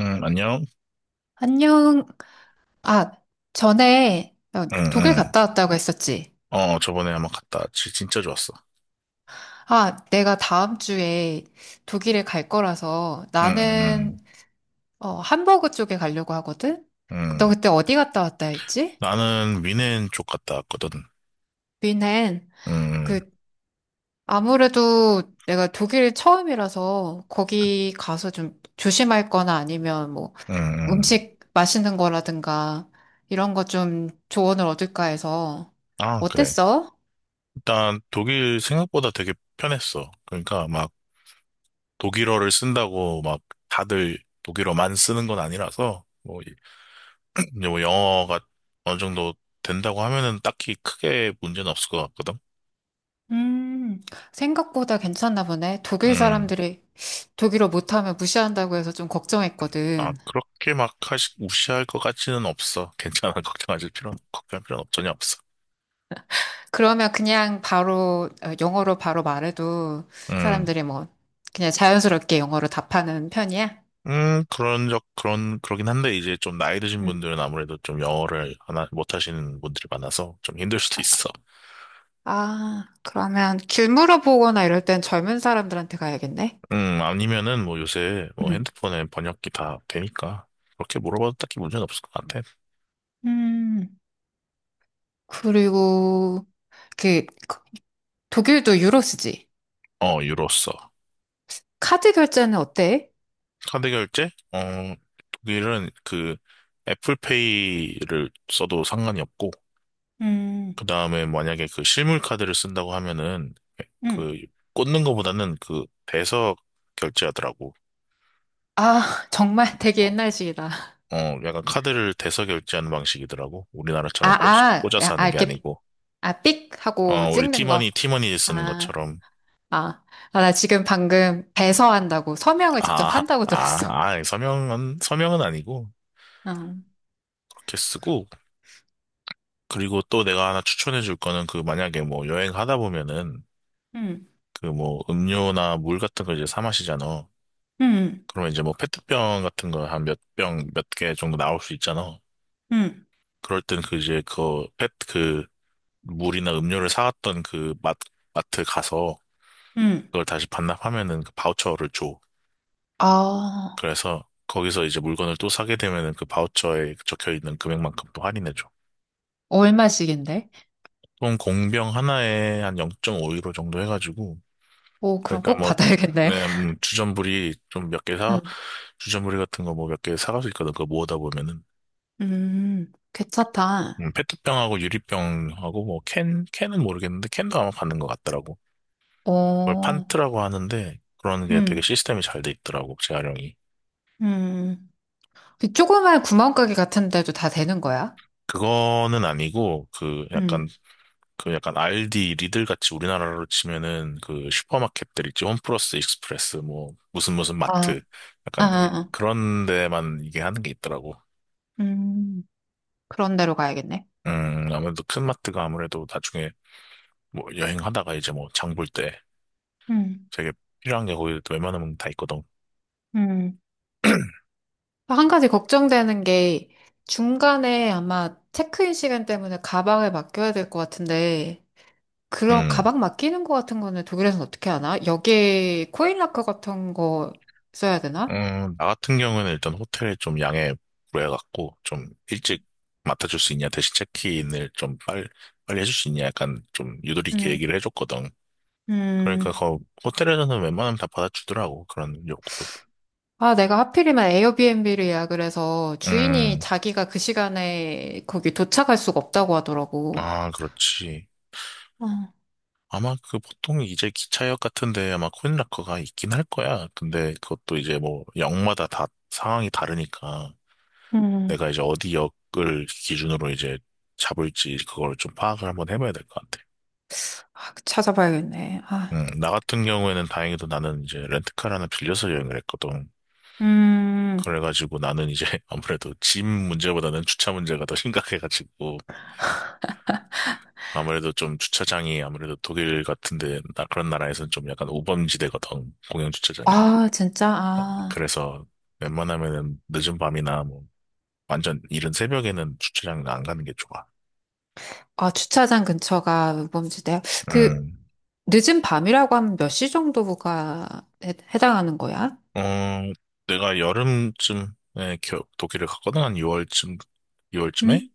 응, 안녕? 안녕. 아, 전에 응, 독일 응. 갔다 왔다고 했었지. 저번에 한번 갔다 왔지. 진짜 좋았어. 아, 내가 다음 주에 독일에 갈 거라서 응, 나는 응, 함버그 쪽에 가려고 하거든. 응. 너 응. 그때 어디 갔다 왔다 했지? 나는 위넨 쪽 갔다 왔거든. 뮌헨. 응, 그 아무래도 내가 독일 처음이라서 거기 가서 좀 조심할 거나 아니면 뭐 응, 응. 음식 맛있는 거라든가 이런 거 좀 조언을 얻을까 해서. 아, 그래. 어땠어? 일단 독일 생각보다 되게 편했어. 그러니까 막 독일어를 쓴다고 막 다들 독일어만 쓰는 건 아니라서 뭐, 이제 뭐 영어가 어느 정도 된다고 하면은 딱히 크게 문제는 없을 것 같거든. 음, 생각보다 괜찮나 보네. 독일 응. 사람들이 독일어 못하면 무시한다고 해서 좀 아, 걱정했거든. 그렇게 막 무시할 것 같지는 없어. 괜찮아. 걱정할 필요는 전혀 없어. 그러면 그냥 바로, 어, 영어로 바로 말해도 음, 사람들이 뭐, 그냥 자연스럽게 영어로 답하는 편이야? 그러긴 한데, 이제 좀 나이 드신 음. 분들은 아무래도 좀 영어를 못 하시는 분들이 많아서 좀 힘들 수도 있어. 아, 그러면 길 물어보거나 이럴 땐 젊은 사람들한테 가야겠네? 아니면은 뭐 요새 뭐 음. 핸드폰에 번역기 다 되니까, 그렇게 물어봐도 딱히 문제는 없을 것 같아. 음, 그리고, 그, 독일도 유로 쓰지? 유로 써. 카드 결제는 어때? 카드 결제? 독일은 그 애플페이를 써도 상관이 없고, 음, 그 다음에 만약에 그 실물 카드를 쓴다고 하면은 음. 그 꽂는 거보다는 그 대서 결제하더라고. 아, 정말 되게 옛날식이다. 약간 카드를 대서 결제하는 방식이더라고. 아, 우리나라처럼 아, 꽂아서 아, 하는 게 이렇게. 아니고. 아, 삑! 하고 우리 찍는 거. 티머니 쓰는 아, 것처럼. 아, 아, 나 지금 방금 배서한다고, 서명을 직접 아, 한다고 들었어. 아, 아, 서명은 아니고. 응. 그렇게 쓰고. 그리고 또 내가 하나 추천해 줄 거는 그 만약에 뭐 여행하다 보면은 응. 그 뭐 음료나 물 같은 거 이제 사 마시잖아. 응. 그러면 이제 뭐 페트병 같은 거 한 몇 병, 몇 개 정도 나올 수 있잖아. 응. 그럴 땐 그 이제 그 페트 그 물이나 음료를 사왔던 그 마트 가서 응. 그걸 다시 반납하면은 그 바우처를 줘. 아, 그래서 거기서 이제 물건을 또 사게 되면은 그 바우처에 적혀 있는 금액만큼 또 할인해 줘. 얼마씩인데? 총 공병 하나에 한 0.5유로 정도 해가지고, 오, 그럼 그러니까 꼭 뭐 받아야겠네. 네, 음, 주전부리 같은 거 뭐 몇 개 사갈 수 있거든. 그거 모으다 보면은. 괜찮다. 페트병하고 유리병하고 뭐 캔은 모르겠는데 캔도 아마 받는 것 같더라고. 그걸 오, 판트라고 하는데 그런 게 되게 음, 시스템이 잘 돼 있더라고, 재활용이. 음. 그 조그만 구멍가게 같은 데도 다 되는 거야? 그거는 아니고 그 약간 음. 그 약간 알디 리들 같이 우리나라로 치면은 그 슈퍼마켓들 있지. 홈플러스 익스프레스 뭐 무슨 무슨 아, 마트 아, 아, 약간 아. 그런 데만 이게 하는 게 있더라고. 음, 그런 데로 가야겠네. 아무래도 큰 마트가 아무래도 나중에 뭐 여행하다가 이제 뭐 장볼 때 음, 되게 필요한 게 거기 또 웬만하면 다 있거든. 음. 한 가지 걱정되는 게 중간에 아마 체크인 시간 때문에 가방을 맡겨야 될 것 같은데, 그런 음. 가방 맡기는 것 같은 거는 독일에서는 어떻게 하나? 여기에 코인락커 같은 거 써야 되나? 나 같은 경우는 일단 호텔에 좀 양해 구해갖고, 좀 일찍 맡아줄 수 있냐, 대신 체크인을 좀 빨리 해줄 수 있냐, 약간 좀 유도리 있게 음, 얘기를 해줬거든. 그러니까 음, 호텔에서는 웬만하면 다 받아주더라고, 그런 요구도. 아, 내가 하필이면 에어비앤비를 예약을 해서 주인이 음, 자기가 그 시간에 거기 도착할 수가 없다고 하더라고. 아, 그렇지. 어, 아마 그 보통 이제 기차역 같은데 아마 코인락커가 있긴 할 거야. 근데 그것도 이제 뭐 역마다 다 상황이 다르니까 음. 내가 이제 어디 역을 기준으로 이제 잡을지 그걸 좀 파악을 한번 해봐야 될 것 같아. 아, 찾아봐야겠네. 아, 나 같은 경우에는 다행히도 나는 이제 렌트카를 하나 빌려서 여행을 했거든. 음, 그래가지고 나는 이제 아무래도 짐 문제보다는 주차 문제가 더 심각해가지고 아무래도 좀 주차장이, 아무래도 독일 같은데 나 그런 나라에서는 좀 약간 우범지대거든, 공영 주차장이. 아, 진짜, 아. 그래서 웬만하면은 늦은 밤이나 뭐 완전 이른 새벽에는 주차장 안 가는 게 좋아. 아, 주차장 근처가 우범지대요? 그, 음, 늦은 밤이라고 하면 몇 시 정도가 해, 해당하는 거야? 어, 내가 여름쯤에 독일을 갔거든, 한 6월쯤에. 응?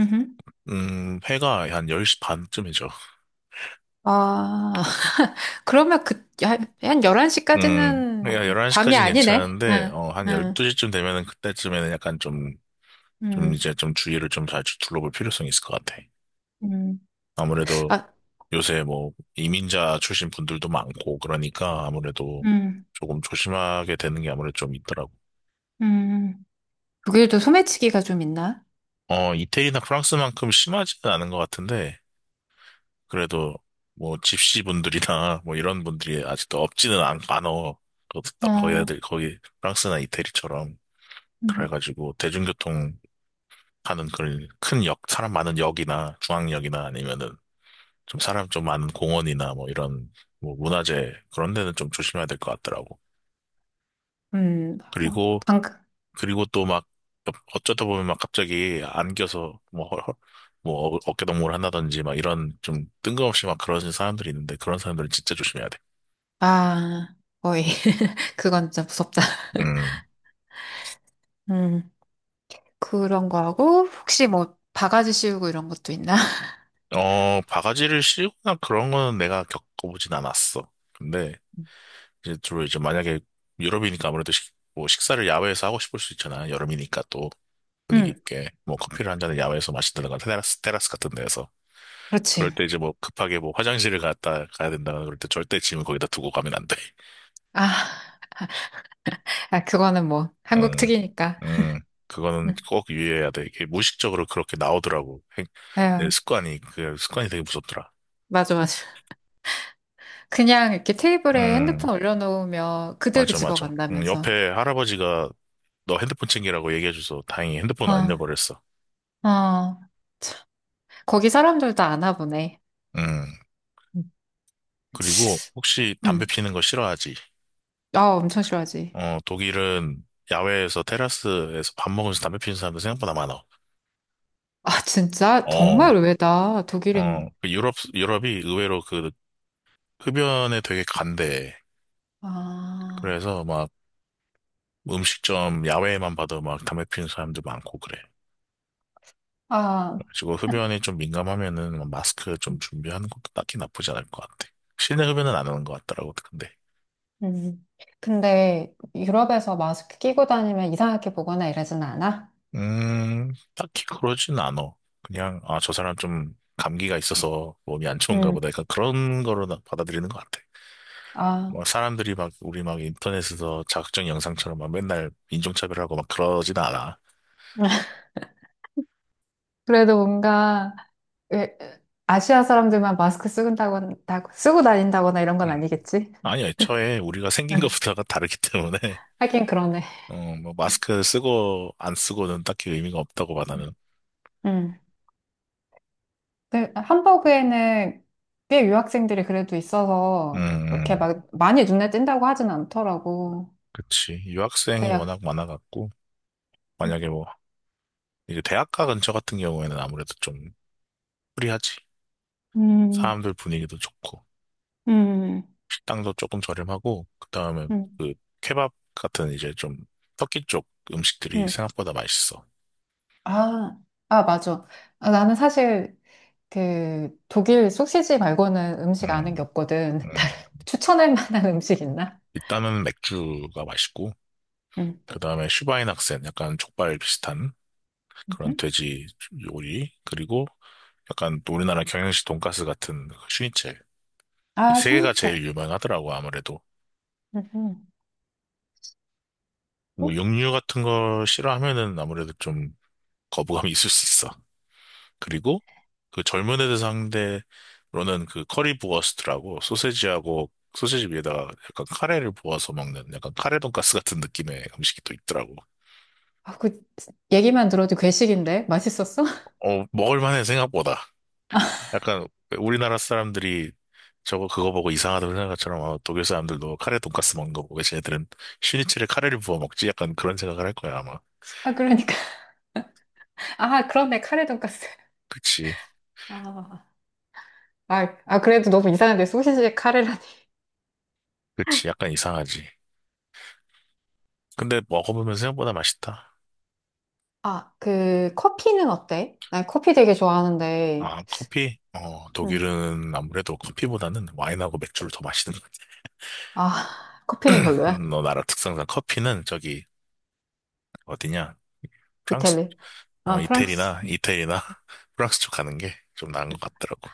응? 회가 한 10시 반쯤이죠. 아, 그러면 그, 한 11시까지는 그러니까 밤이 11시까지는 아니네? 괜찮은데, 응, 한 응. 12시쯤 되면은 그때쯤에는 약간 좀 응, 이제 좀 주의를 좀 잘 둘러볼 필요성이 있을 것 같아. 응, 아무래도 아, 요새 뭐 이민자 출신 분들도 많고 그러니까 아무래도 응, 조금 조심하게 되는 게 아무래도 좀 있더라고. 응, 독일도 소매치기가 좀 있나? 이태리나 프랑스만큼 심하지는 않은 것 같은데, 그래도 뭐 집시 분들이나 뭐 이런 분들이 아직도 없지는 않어. 거기, 거기 어, 거기 프랑스나 이태리처럼. 응. 그래가지고 대중교통 하는 그런 큰 역, 사람 많은 역이나 중앙역이나 아니면은 좀 사람 좀 많은 공원이나 뭐 이런 뭐 문화재 그런 데는 좀 조심해야 될 것 같더라고. 막, 그리고, 방금, 그리고 또 막 어쩌다 보면 막 갑자기 안겨서 뭐, 뭐 어깨동무를 한다든지 막 이런 좀 뜬금없이 막 그러는 사람들이 있는데 그런 사람들은 진짜 조심해야 돼. 아, 거의, 그건 진짜 무섭다. 음, 음. 그런 거 하고, 혹시 뭐, 바가지 씌우고 이런 것도 있나? 바가지를 씌우거나 그런 거는 내가 겪어보진 않았어. 근데 이제 주로 이제 만약에 유럽이니까 아무래도 뭐 식사를 야외에서 하고 싶을 수 있잖아. 여름이니까 또 분위기 응, 있게 뭐 커피를 한 잔을 야외에서 마신다든가, 테라스 같은 데에서. 그렇지. 그럴 때 이제 뭐 급하게 뭐 화장실을 갔다 가야 된다 그럴 때 절대 짐을 거기다 두고 가면 안 돼. 아, 아, 그거는 뭐, 한국 음, 특이니까. 음, 그거는 응, 꼭 유의해야 돼. 이게 무의식적으로 그렇게 나오더라고. 내 아 습관이, 그 습관이 되게 무섭더라. 맞아, 맞아. 그냥 이렇게 테이블에 핸드폰 음, 올려놓으면 그대로 맞아, 맞아. 집어간다면서. 옆에 할아버지가 너 핸드폰 챙기라고 얘기해줘서 다행히 핸드폰 어, 안 잃어버렸어. 어. 거기 사람들도 아나 보네. 음. 응, 그리고 혹시 담배 응. 피는 거 싫어하지? 아, 엄청 싫어하지. 독일은 야외에서 테라스에서 밥 먹으면서 담배 피는 사람들 생각보다 많아. 아, 진짜? 어, 정말 의외다. 독일인. 그 유럽이 의외로 그 흡연에 되게 간대. 아, 그래서 막 음식점 야외에만 봐도 막 담배 피는 사람들 많고 그래. 아. 그리고 흡연이 좀 민감하면은 마스크 좀 준비하는 것도 딱히 나쁘지 않을 것 같아. 실내 흡연은 안 하는 것 같더라고, 근데. 음. 근데 유럽에서 마스크 끼고 다니면 이상하게 보거나 이러진 않아? 딱히 그러진 않아. 그냥, 아, 저 사람 좀 감기가 있어서 몸이 안 좋은가 음. 보다, 약간 그런 거로 받아들이는 것 같아. 아, 뭐, 사람들이 막, 우리 막 인터넷에서 자극적인 영상처럼 막 맨날 인종차별하고 막 그러진 않아. 그래도 뭔가 왜- 아시아 사람들만 마스크 쓰고 쓰고 다닌다거나 이런 건 음. 아니겠지? 아니, 애초에 우리가 생긴 응. 것부터가 다르기 때문에. 하긴 그러네. 뭐, 마스크 쓰고 안 쓰고는 딱히 의미가 없다고 봐, 나는. 음. 근데 함버그에는 꽤 유학생들이 그래도 있어서 이렇게 음, 막 많이 눈에 띈다고 하진 않더라고. 그치. 유학생이 근데 워낙 약- 많아갖고, 음, 만약에 뭐, 이제 대학가 근처 같은 경우에는 아무래도 좀 프리하지. 음, 사람들 분위기도 좋고, 식당도 조금 저렴하고, 그 다음에 음, 그 케밥 같은 이제 좀 터키 쪽 음식들이 음. 생각보다 맛있어. 아, 아, 맞아. 아, 나는 사실 그 독일 소시지 말고는 음식 아는 음, 게 없거든. 음. 다른 추천할 만한 음식 있나? 일단은 맥주가 맛있고, 음. 그 다음에 슈바인학센, 약간 족발 비슷한 그런 음. 돼지 요리, 그리고 약간 우리나라 경양식 돈가스 같은 그 슈니첼. 이 아, 세 개가 슈니첼. 제일 유명하더라고, 아무래도. 음. 어? 뭐, 육류 같은 거 싫어하면은 아무래도 좀 거부감이 있을 수 있어. 그리고 그 젊은 애들 상대로는 그 커리 부어스트라고, 소세지하고 소세지 위에다가 약간 카레를 부어서 먹는 약간 카레 돈가스 같은 느낌의 음식이 또 있더라고. 아, 그 얘기만 들어도 괴식인데 맛있었어? 먹을만해 생각보다. 약간 우리나라 사람들이 저거 그거 보고 이상하다고 생각한 것처럼, 아, 독일 사람들도 카레 돈가스 먹는 거 보고 쟤네들은 슈니첼에 카레를 부어 먹지, 약간 그런 생각을 할 거야 아마. 아, 그러니까 아 그러네, 카레 돈까스. 그치, 아, 아, 아 그래도 너무 이상한데 소시지에 카레라니. 그치, 약간 이상하지. 근데 먹어보면 생각보다 맛있다. 아, 그 커피는 어때? 난 커피 되게 좋아하는데. 아, 커피? 음. 독일은 아무래도 커피보다는 와인하고 맥주를 더 마시는. 아 커피는 별로야. 너 나라 특성상 커피는 저기 어디냐? 프랑스, 이탈리. 아 프랑스. 이태리나 프랑스 쪽 가는 게 좀 나은 것 같더라고.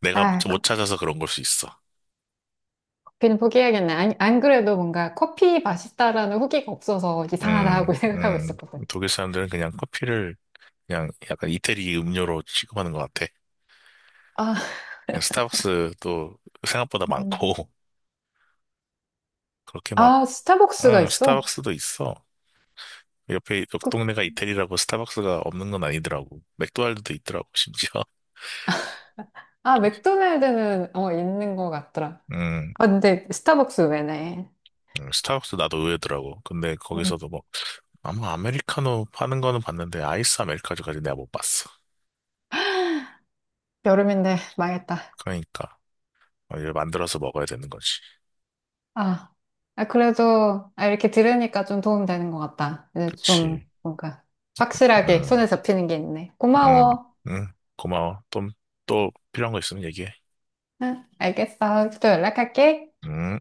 내가 아 못 찾아서 그런 걸 수 있어. 그냥 포기해야겠네. 안 그래도 뭔가 커피 맛있다라는 후기가 없어서 음, 이상하다고 생각하고 음, 있었거든. 독일 사람들은 그냥 커피를 그냥 약간 이태리 음료로 취급하는 것 같아. 아, 스타벅스도 생각보다 음. 많고. 그렇게 막, 아, 스타벅스가 응, 있어? 스타벅스도 있어. 옆에 옆 그, 동네가 이태리라고 스타벅스가 없는 건 아니더라고. 맥도날드도 있더라고, 심지어. 아, 맥도날드는 어, 있는 것 같더라. 음, 아, 근데 스타벅스 왜네? 스타벅스 나도 의외더라고. 근데 음, 거기서도 뭐, 아마 아메리카노 파는 거는 봤는데, 아이스 아메리카노까지 내가 못 봤어. 여름인데 망했다. 그러니까, 이걸 만들어서 먹어야 되는 거지. 아, 아, 그래도 아, 이렇게 들으니까 좀 도움 되는 것 같다. 이제 좀 그치. 뭔가 확실하게 음, 손에 잡히는 게 있네. 음, 고마워. 음. 고마워. 또 필요한 거 있으면 얘기해. 응, 알겠어. 또 연락할게. 음.